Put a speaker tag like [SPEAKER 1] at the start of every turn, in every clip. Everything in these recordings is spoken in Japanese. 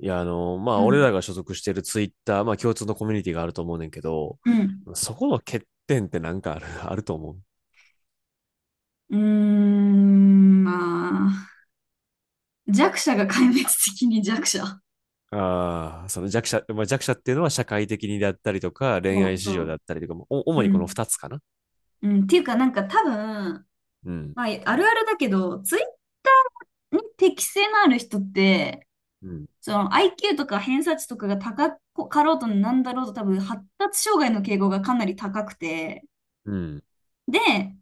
[SPEAKER 1] う
[SPEAKER 2] 俺
[SPEAKER 1] ん。
[SPEAKER 2] らが所属しているツイッター、まあ、共通のコミュニティがあると思うねんけど、
[SPEAKER 1] うん。
[SPEAKER 2] そこの欠点ってなんかある、あると思う。
[SPEAKER 1] うーん、まあ、弱者が壊滅的に弱者。
[SPEAKER 2] ああ、その弱者、まあ、弱者っていうのは社会的にだったりとか、恋
[SPEAKER 1] そ
[SPEAKER 2] 愛
[SPEAKER 1] う
[SPEAKER 2] 市
[SPEAKER 1] そ
[SPEAKER 2] 場だったりとかも、お
[SPEAKER 1] う、
[SPEAKER 2] 主
[SPEAKER 1] う
[SPEAKER 2] にこ
[SPEAKER 1] ん。
[SPEAKER 2] の二つかな。
[SPEAKER 1] うん、っていうか、なんか多分、
[SPEAKER 2] うん。
[SPEAKER 1] まあ、あるあるだけど、ツイッターに適性のある人って、
[SPEAKER 2] うん。
[SPEAKER 1] その IQ とか偏差値とかが高かろうとなんだろうと多分発達障害の傾向がかなり高くて、
[SPEAKER 2] うん。
[SPEAKER 1] で、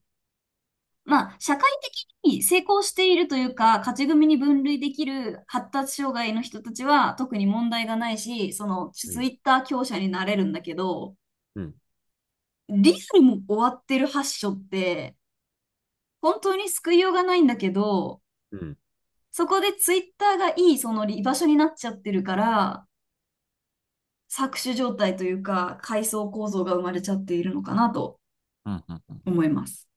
[SPEAKER 1] まあ、社会的に成功しているというか、勝ち組に分類できる発達障害の人たちは特に問題がないし、その
[SPEAKER 2] う
[SPEAKER 1] ツ
[SPEAKER 2] ん。
[SPEAKER 1] イッター強者になれるんだけど、
[SPEAKER 2] うん。
[SPEAKER 1] リアルも終わってる発症って、本当に救いようがないんだけど、
[SPEAKER 2] うん。うん。
[SPEAKER 1] そこでツイッターがいいその居場所になっちゃってるから、搾取状態というか、階層構造が生まれちゃっているのかなと
[SPEAKER 2] うんうん
[SPEAKER 1] 思います。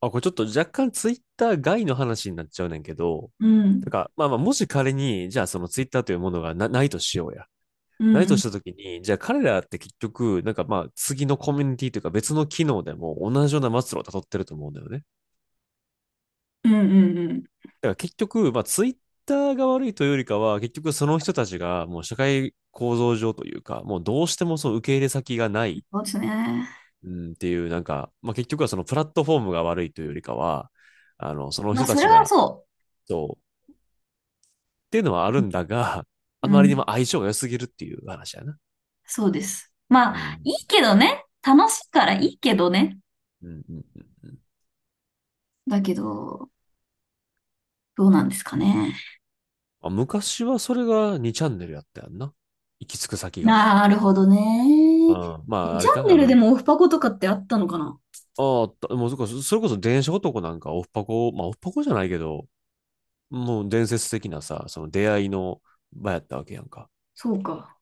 [SPEAKER 2] あ、これちょっと若干ツイッター外の話になっちゃうねんけど、
[SPEAKER 1] うん。
[SPEAKER 2] もし仮に、じゃあそのツイッターというものがな、ないとしようや。
[SPEAKER 1] う
[SPEAKER 2] ないと
[SPEAKER 1] ん。
[SPEAKER 2] したときに、じゃあ彼らって結局、なんかまあ次のコミュニティというか別の機能でも同じような末路を辿ってると思うんだよね。
[SPEAKER 1] うんうんうん。
[SPEAKER 2] だから結局、まあツイッターが悪いというよりかは、結局その人たちがもう社会構造上というか、もうどうしてもその受け入れ先がない、
[SPEAKER 1] そうですね。
[SPEAKER 2] うん、っていう、なんか、まあ結局はそのプラットフォームが悪いというよりかは、その
[SPEAKER 1] まあ、
[SPEAKER 2] 人た
[SPEAKER 1] それ
[SPEAKER 2] ち
[SPEAKER 1] は
[SPEAKER 2] が、
[SPEAKER 1] そ
[SPEAKER 2] そう、っていうのはあるんだが、
[SPEAKER 1] う。
[SPEAKER 2] あ
[SPEAKER 1] う
[SPEAKER 2] まりにも
[SPEAKER 1] ん。
[SPEAKER 2] 相性が良すぎるっていう話やな。
[SPEAKER 1] そうです。ま
[SPEAKER 2] う
[SPEAKER 1] あ、
[SPEAKER 2] ん。
[SPEAKER 1] いいけどね。楽しいからいいけどね。
[SPEAKER 2] うんうんうんうん
[SPEAKER 1] だけど、どうなんですかね。
[SPEAKER 2] あ、昔はそれが2チャンネルやったやんな。行き着く先が。
[SPEAKER 1] なるほどね。
[SPEAKER 2] う
[SPEAKER 1] に
[SPEAKER 2] ん。まあ、あ
[SPEAKER 1] チ
[SPEAKER 2] れ
[SPEAKER 1] ャ
[SPEAKER 2] か、
[SPEAKER 1] ンネルでもオフパコとかってあったのかな。
[SPEAKER 2] ああ、たもうそこ、それこそ電車男なんかオフパコ、まあオフパコじゃないけど、もう伝説的なさ、その出会いの場やったわけやんか。
[SPEAKER 1] そうか。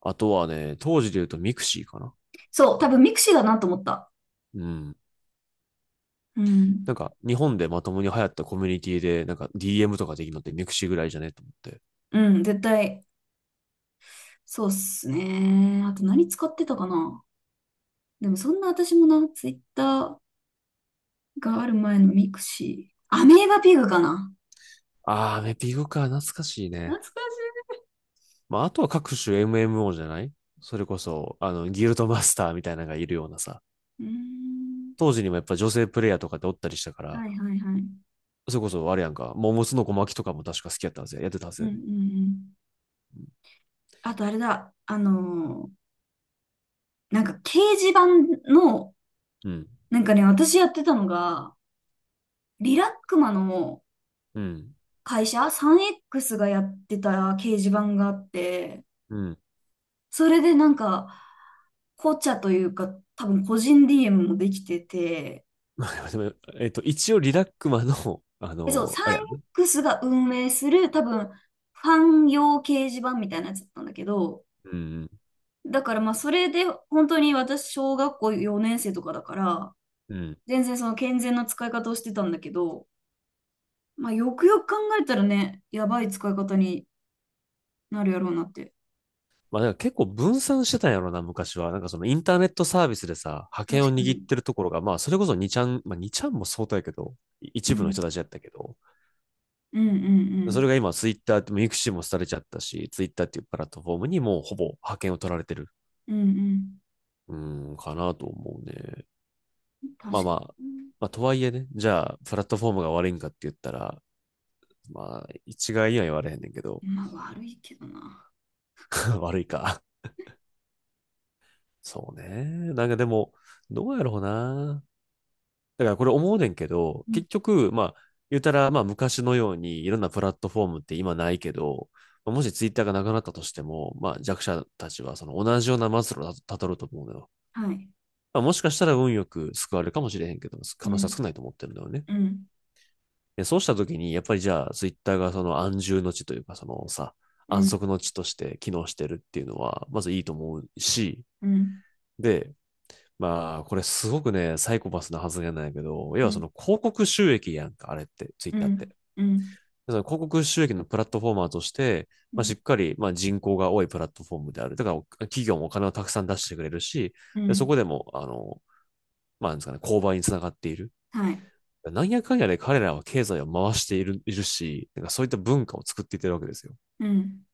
[SPEAKER 2] あとはね、当時で言うとミクシーかな。
[SPEAKER 1] そう、多分ミクシーだなと思った。
[SPEAKER 2] うん。
[SPEAKER 1] うん。
[SPEAKER 2] なんか、日本でまともに流行ったコミュニティで、なんか DM とかできるのってミクシーぐらいじゃねと思って。
[SPEAKER 1] うん、絶対。そうっすね。あと何使ってたかな。でもそんな私もな、ツイッターがある前のミクシー。アメーバピグかな。
[SPEAKER 2] ああ、メピグか、懐かしい
[SPEAKER 1] 懐
[SPEAKER 2] ね。
[SPEAKER 1] かし
[SPEAKER 2] まあ、あとは各種 MMO じゃないそれこそ、ギルドマスターみたいなのがいるようなさ。
[SPEAKER 1] い。うーん。
[SPEAKER 2] 当時にもやっぱ女性プレイヤーとかでおったりしたか
[SPEAKER 1] は
[SPEAKER 2] ら、
[SPEAKER 1] いはいはい。
[SPEAKER 2] それこそあれやんか、桃の小巻きとかも確か好きやったはずや、やってたはず
[SPEAKER 1] うん
[SPEAKER 2] や
[SPEAKER 1] うんう
[SPEAKER 2] で。ね
[SPEAKER 1] ん。あとあれだ、なんか掲示板の、
[SPEAKER 2] うん。
[SPEAKER 1] なんかね、私やってたのが、リラックマの
[SPEAKER 2] うん。
[SPEAKER 1] 会社、3X がやってた掲示板があって、
[SPEAKER 2] うん。
[SPEAKER 1] それでなんか、紅茶というか、多分個人 DM もできてて、
[SPEAKER 2] でえっと、一応リラックマの、
[SPEAKER 1] でそう、
[SPEAKER 2] あれやんね。
[SPEAKER 1] 3X が運営する多分、ファン用掲示板みたいなやつだったんだけど、
[SPEAKER 2] うん。
[SPEAKER 1] だからまあ、それで本当に私、小学校4年生とかだから、
[SPEAKER 2] うん。
[SPEAKER 1] 全然その健全な使い方をしてたんだけど、まあ、よくよく考えたらね、やばい使い方になるやろうなって。
[SPEAKER 2] まあ、んか結構分散してたんやろな、昔は。なんかそのインターネットサービスでさ、覇権
[SPEAKER 1] 確
[SPEAKER 2] を
[SPEAKER 1] か
[SPEAKER 2] 握っ
[SPEAKER 1] に。
[SPEAKER 2] てるところが、まあ、それこそ2ちゃん、まあ、にちゃんも相当やけど、
[SPEAKER 1] う
[SPEAKER 2] 一部の人
[SPEAKER 1] ん。
[SPEAKER 2] たちやったけど、
[SPEAKER 1] うんう
[SPEAKER 2] それ
[SPEAKER 1] ん
[SPEAKER 2] が今ツイッターって、ミクシーも廃れちゃったし、ツイッターっていうプラットフォームにもうほぼ覇権を取られてる。
[SPEAKER 1] うん。うん
[SPEAKER 2] うん、かなと思うね。
[SPEAKER 1] うん。確
[SPEAKER 2] まあま
[SPEAKER 1] か
[SPEAKER 2] あ、
[SPEAKER 1] に。
[SPEAKER 2] まあとはいえね、じゃあ、プラットフォームが悪いんかって言ったら、まあ、一概には言われへんねんけど、
[SPEAKER 1] まあ、悪いけどな。
[SPEAKER 2] 悪いか。そうね。なんかでも、どうやろうな。だからこれ思うねんけど、
[SPEAKER 1] うん。
[SPEAKER 2] 結局、まあ、言うたら、まあ昔のようにいろんなプラットフォームって今ないけど、もしツイッターがなくなったとしても、まあ弱者たちはその同じような末路をたたどると思うのよ。
[SPEAKER 1] はい。
[SPEAKER 2] まあもしかしたら運よく救われるかもしれへんけど、
[SPEAKER 1] う
[SPEAKER 2] 可能性は
[SPEAKER 1] ん。
[SPEAKER 2] 少ないと思ってるんだよね。
[SPEAKER 1] うん。
[SPEAKER 2] で、そうしたときに、やっぱりじゃあ、ツイッターがその安住の地というか、そのさ、
[SPEAKER 1] う
[SPEAKER 2] 安
[SPEAKER 1] ん。
[SPEAKER 2] 息の地として機能してるっていうのは、まずいいと思うし、
[SPEAKER 1] うん。
[SPEAKER 2] で、まあ、これすごくね、サイコパスな発言なんやけど、要は
[SPEAKER 1] う
[SPEAKER 2] そ
[SPEAKER 1] ん。
[SPEAKER 2] の広告収益やんか、あれって、ツイッ
[SPEAKER 1] う
[SPEAKER 2] ターっ
[SPEAKER 1] ん。
[SPEAKER 2] て。
[SPEAKER 1] うん。
[SPEAKER 2] その広告収益のプラットフォーマーとして、
[SPEAKER 1] う
[SPEAKER 2] まあ、しっ
[SPEAKER 1] ん。
[SPEAKER 2] かり、まあ、人口が多いプラットフォームである。だから、企業もお金をたくさん出してくれるし、
[SPEAKER 1] う
[SPEAKER 2] でそこ
[SPEAKER 1] ん、
[SPEAKER 2] でも、まあ、なんですかね、購買につながっている。
[SPEAKER 1] はい。
[SPEAKER 2] なんやかんやで彼らは経済を回している、いるし、なんかそういった文化を作っていってるわけですよ。
[SPEAKER 1] うん。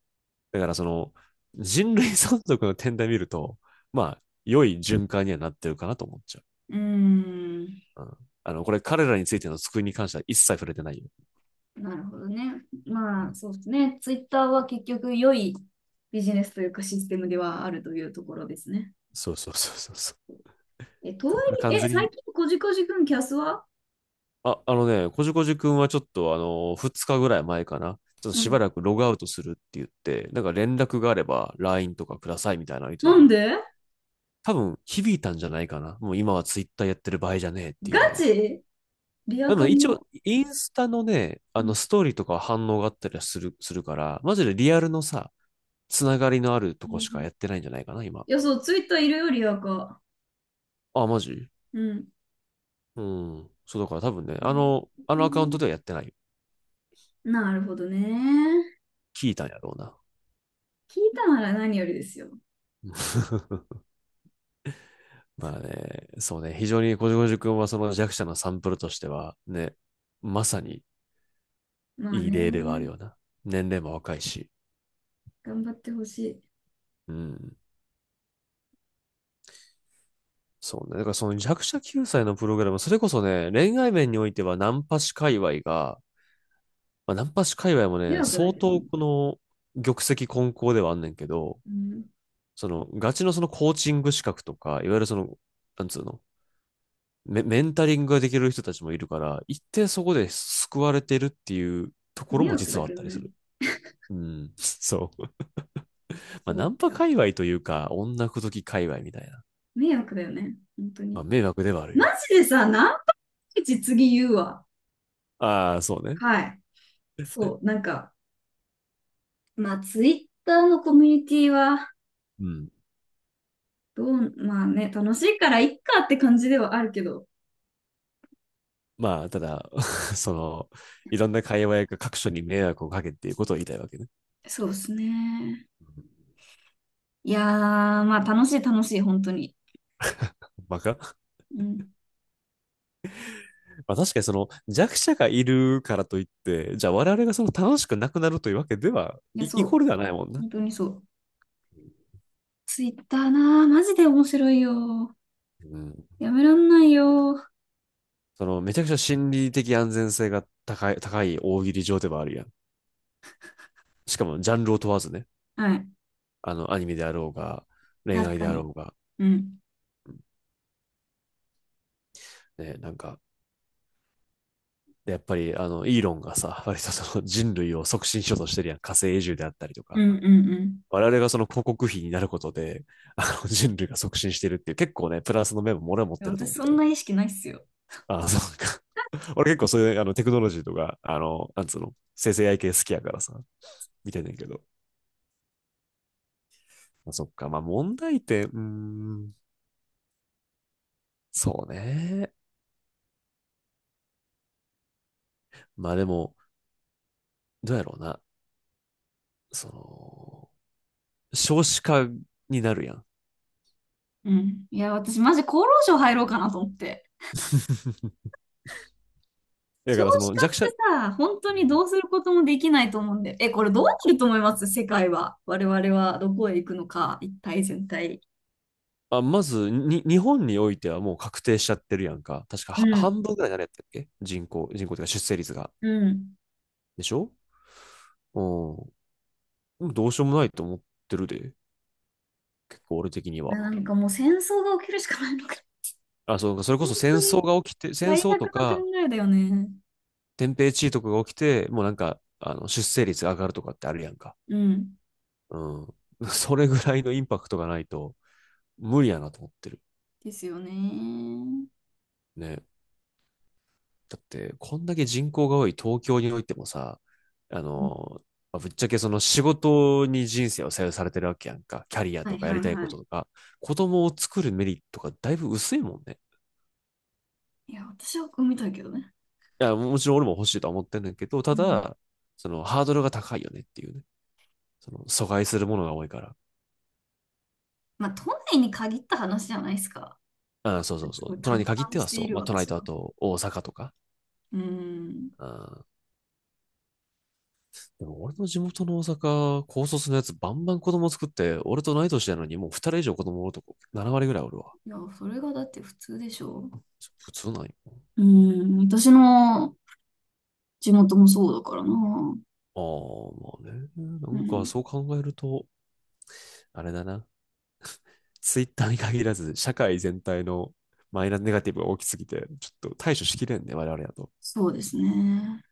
[SPEAKER 2] だからその人類存続の点で見ると、まあ、良い循環にはなってるかなと思っちゃ
[SPEAKER 1] うーん。
[SPEAKER 2] う。うん、これ彼らについての救いに関しては一切触れてないよ。
[SPEAKER 1] なるほどね。
[SPEAKER 2] う
[SPEAKER 1] まあ、
[SPEAKER 2] ん、
[SPEAKER 1] そうですね。ツイッターは結局良いビジネスというかシステムではあるというところですね。
[SPEAKER 2] そうそうそうそうそ
[SPEAKER 1] え、とは
[SPEAKER 2] う。これ
[SPEAKER 1] い
[SPEAKER 2] 完
[SPEAKER 1] え、え、
[SPEAKER 2] 全
[SPEAKER 1] 最
[SPEAKER 2] に、
[SPEAKER 1] 近こじこじくんキャスは。
[SPEAKER 2] あ、あのね、こじこじくんはちょっとあの、2日ぐらい前かな。ちょっと
[SPEAKER 1] う
[SPEAKER 2] しば
[SPEAKER 1] ん。
[SPEAKER 2] らくログアウトするって言って、なんか連絡があれば LINE とかくださいみたいなの言ってた
[SPEAKER 1] な
[SPEAKER 2] の
[SPEAKER 1] ん
[SPEAKER 2] よ。
[SPEAKER 1] で
[SPEAKER 2] 多分響いたんじゃないかな。もう今はツイッターやってる場合じゃねえっていうの
[SPEAKER 1] ガ
[SPEAKER 2] が。
[SPEAKER 1] チリア
[SPEAKER 2] でも
[SPEAKER 1] カ
[SPEAKER 2] 一応、
[SPEAKER 1] の、
[SPEAKER 2] インスタのね、
[SPEAKER 1] う
[SPEAKER 2] あ
[SPEAKER 1] ん、
[SPEAKER 2] のストーリーとかは反応があったりはする、するから、マジでリアルのさ、つながりのあるとこ
[SPEAKER 1] なる
[SPEAKER 2] し
[SPEAKER 1] ほ
[SPEAKER 2] かやっ
[SPEAKER 1] ど。
[SPEAKER 2] てないんじゃないかな、今。
[SPEAKER 1] いや、そう、ツイッターいるよ、リアカ。
[SPEAKER 2] あ、マジ
[SPEAKER 1] うん。
[SPEAKER 2] うん。そうだから多分ね、
[SPEAKER 1] う
[SPEAKER 2] あのアカウント
[SPEAKER 1] ん、
[SPEAKER 2] ではやってない。
[SPEAKER 1] なるほどね。
[SPEAKER 2] 聞いたんやろうな。
[SPEAKER 1] 聞いたなら何よりですよ。
[SPEAKER 2] まあね、そうね、非常にこじこじくんはその弱者のサンプルとしては、ね、まさに
[SPEAKER 1] まあ
[SPEAKER 2] いい例ではある
[SPEAKER 1] ね。
[SPEAKER 2] ような。年齢も若いし。
[SPEAKER 1] 頑張ってほしい。
[SPEAKER 2] うん。そうね。だからその弱者救済のプログラム、それこそね、恋愛面においてはナンパ師界隈が、まあ、ナンパ師界隈も
[SPEAKER 1] 迷
[SPEAKER 2] ね、
[SPEAKER 1] 惑だ
[SPEAKER 2] 相
[SPEAKER 1] けど
[SPEAKER 2] 当
[SPEAKER 1] ね。
[SPEAKER 2] この玉石混交ではあんねんけど、
[SPEAKER 1] うん。
[SPEAKER 2] そのガチのそのコーチング資格とか、いわゆるその、なんつうの、メンタリングができる人たちもいるから、一定そこで救われてるっていうところ
[SPEAKER 1] 迷
[SPEAKER 2] も
[SPEAKER 1] 惑
[SPEAKER 2] 実
[SPEAKER 1] だ
[SPEAKER 2] はあっ
[SPEAKER 1] けど
[SPEAKER 2] たりす
[SPEAKER 1] ね。
[SPEAKER 2] る。うん、そう。まあ、
[SPEAKER 1] そ
[SPEAKER 2] ナ
[SPEAKER 1] う
[SPEAKER 2] ンパ
[SPEAKER 1] か。
[SPEAKER 2] 界隈というか、女口説き界隈みたいな。
[SPEAKER 1] 迷惑だよね。本当に。
[SPEAKER 2] まあ、迷惑ではある
[SPEAKER 1] マ
[SPEAKER 2] よ。
[SPEAKER 1] ジでさ、何パーセンテージ次言うわ。
[SPEAKER 2] ああ、そうね。
[SPEAKER 1] はい。そう。なんか、まあ、ツイッターのコミュニティは、
[SPEAKER 2] うん。
[SPEAKER 1] どう、まあね、楽しいからいっかって感じではあるけど、
[SPEAKER 2] まあ、ただ、その、いろんな界隈が各所に迷惑をかけっていうことを言いたいわけね。
[SPEAKER 1] そうですね。いやー、まあ楽しい楽しい、本当に。
[SPEAKER 2] バカ
[SPEAKER 1] うん。
[SPEAKER 2] まあ確かにその弱者がいるからといって、じゃあ我々がその楽しくなくなるというわけでは、
[SPEAKER 1] いや、
[SPEAKER 2] イ
[SPEAKER 1] そ
[SPEAKER 2] コー
[SPEAKER 1] う。
[SPEAKER 2] ルではないもんな。
[SPEAKER 1] 本当にそう。ツイッターなー、マジで面白いよ。
[SPEAKER 2] うん。
[SPEAKER 1] やめらんないよ。
[SPEAKER 2] そのめちゃくちゃ心理的安全性が高い、高い大喜利上ではあるやん。しかもジャンルを問わずね。
[SPEAKER 1] はい。
[SPEAKER 2] アニメであろうが、恋
[SPEAKER 1] 確
[SPEAKER 2] 愛
[SPEAKER 1] か
[SPEAKER 2] であろ
[SPEAKER 1] に。
[SPEAKER 2] うが、
[SPEAKER 1] うん。
[SPEAKER 2] ね、なんか、やっぱり、イーロンがさ、割とその人類を促進しようとしてるやん。火星移住であったりと
[SPEAKER 1] う
[SPEAKER 2] か。
[SPEAKER 1] んうんうん。
[SPEAKER 2] 我々がその広告費になることで、人類が促進してるっていう、結構ね、プラスの面も俺は持っ
[SPEAKER 1] いや
[SPEAKER 2] てると
[SPEAKER 1] 私
[SPEAKER 2] 思っ
[SPEAKER 1] そ
[SPEAKER 2] て
[SPEAKER 1] ん
[SPEAKER 2] る。
[SPEAKER 1] な意識ないっすよ。
[SPEAKER 2] あ、そうか。俺結構そういう、テクノロジーとか、なんつうの、生成 AI 系好きやからさ、見てんねんけど。まあそっか。まあ、問題点、うーん、そうね。まあでも、どうやろうな。その、少子化になるやん。
[SPEAKER 1] うん。いや、私マジ厚労省入ろうかなと思って。
[SPEAKER 2] だか
[SPEAKER 1] 少
[SPEAKER 2] らそ
[SPEAKER 1] 子
[SPEAKER 2] の
[SPEAKER 1] 化っ
[SPEAKER 2] 弱者、
[SPEAKER 1] てさ、本当
[SPEAKER 2] う
[SPEAKER 1] に
[SPEAKER 2] ん
[SPEAKER 1] どうすることもできないと思うんで。え、これどうなると思います世界は。我々はどこへ行くのか、一体全体。
[SPEAKER 2] あ、まず、に、日本においてはもう確定しちゃってるやんか。確か
[SPEAKER 1] う
[SPEAKER 2] は半
[SPEAKER 1] ん。
[SPEAKER 2] 分ぐらい誰やったっけ人口、人口というか出生率が。
[SPEAKER 1] うん。
[SPEAKER 2] でしょうん。でもどうしようもないと思ってるで。結構俺的には。
[SPEAKER 1] なんかもう戦争が起きるしかないのか。
[SPEAKER 2] あ、そう、それこ
[SPEAKER 1] 本
[SPEAKER 2] そ戦
[SPEAKER 1] 当
[SPEAKER 2] 争
[SPEAKER 1] に
[SPEAKER 2] が起きて、戦
[SPEAKER 1] 最悪
[SPEAKER 2] 争と
[SPEAKER 1] な考
[SPEAKER 2] か、
[SPEAKER 1] えだよね。
[SPEAKER 2] 天平地位とかが起きて、もうなんか、出生率が上がるとかってあるやんか。
[SPEAKER 1] うん。
[SPEAKER 2] うん。それぐらいのインパクトがないと、無理やなと思ってる。
[SPEAKER 1] ですよね。
[SPEAKER 2] ね。だって、こんだけ人口が多い東京においてもさ、あ
[SPEAKER 1] うん、
[SPEAKER 2] の、ぶっちゃけその仕事に人生を左右されてるわけやんか。キャリア
[SPEAKER 1] は
[SPEAKER 2] と
[SPEAKER 1] い
[SPEAKER 2] かや
[SPEAKER 1] は
[SPEAKER 2] り
[SPEAKER 1] い
[SPEAKER 2] たいこ
[SPEAKER 1] はい。
[SPEAKER 2] ととか、子供を作るメリットがだいぶ薄いもんね。
[SPEAKER 1] いや、私は産みたいけどね。
[SPEAKER 2] いや、もちろん俺も欲しいとは思ってんだけど、
[SPEAKER 1] う
[SPEAKER 2] た
[SPEAKER 1] ん。
[SPEAKER 2] だ、そのハードルが高いよねっていうね。その阻害するものが多いから。
[SPEAKER 1] まあ、都内に限った話じゃないですか。
[SPEAKER 2] ああそうそう
[SPEAKER 1] す
[SPEAKER 2] そ
[SPEAKER 1] ごい
[SPEAKER 2] う。都内
[SPEAKER 1] 達
[SPEAKER 2] に限っ
[SPEAKER 1] 観
[SPEAKER 2] て
[SPEAKER 1] し
[SPEAKER 2] は
[SPEAKER 1] て
[SPEAKER 2] そ
[SPEAKER 1] い
[SPEAKER 2] う。
[SPEAKER 1] る
[SPEAKER 2] まあ、都内
[SPEAKER 1] 私
[SPEAKER 2] と
[SPEAKER 1] は。
[SPEAKER 2] あと大阪とか。
[SPEAKER 1] うん。
[SPEAKER 2] ああでも俺の地元の大阪、高卒のやつバンバン子供作って、俺と同い年なのにもう2人以上子供おるとこ7割ぐらいおるわ。
[SPEAKER 1] いや、それがだって普通でしょ。
[SPEAKER 2] 普通なんよ。
[SPEAKER 1] うん、私の地元もそうだからな。
[SPEAKER 2] ああ、まあね。な
[SPEAKER 1] う
[SPEAKER 2] んか
[SPEAKER 1] ん、
[SPEAKER 2] そう考えると、あれだな。ツイッターに限らず、社会全体のマイナスネガティブが大きすぎて、ちょっと対処しきれんね、我々だと。
[SPEAKER 1] そうですね。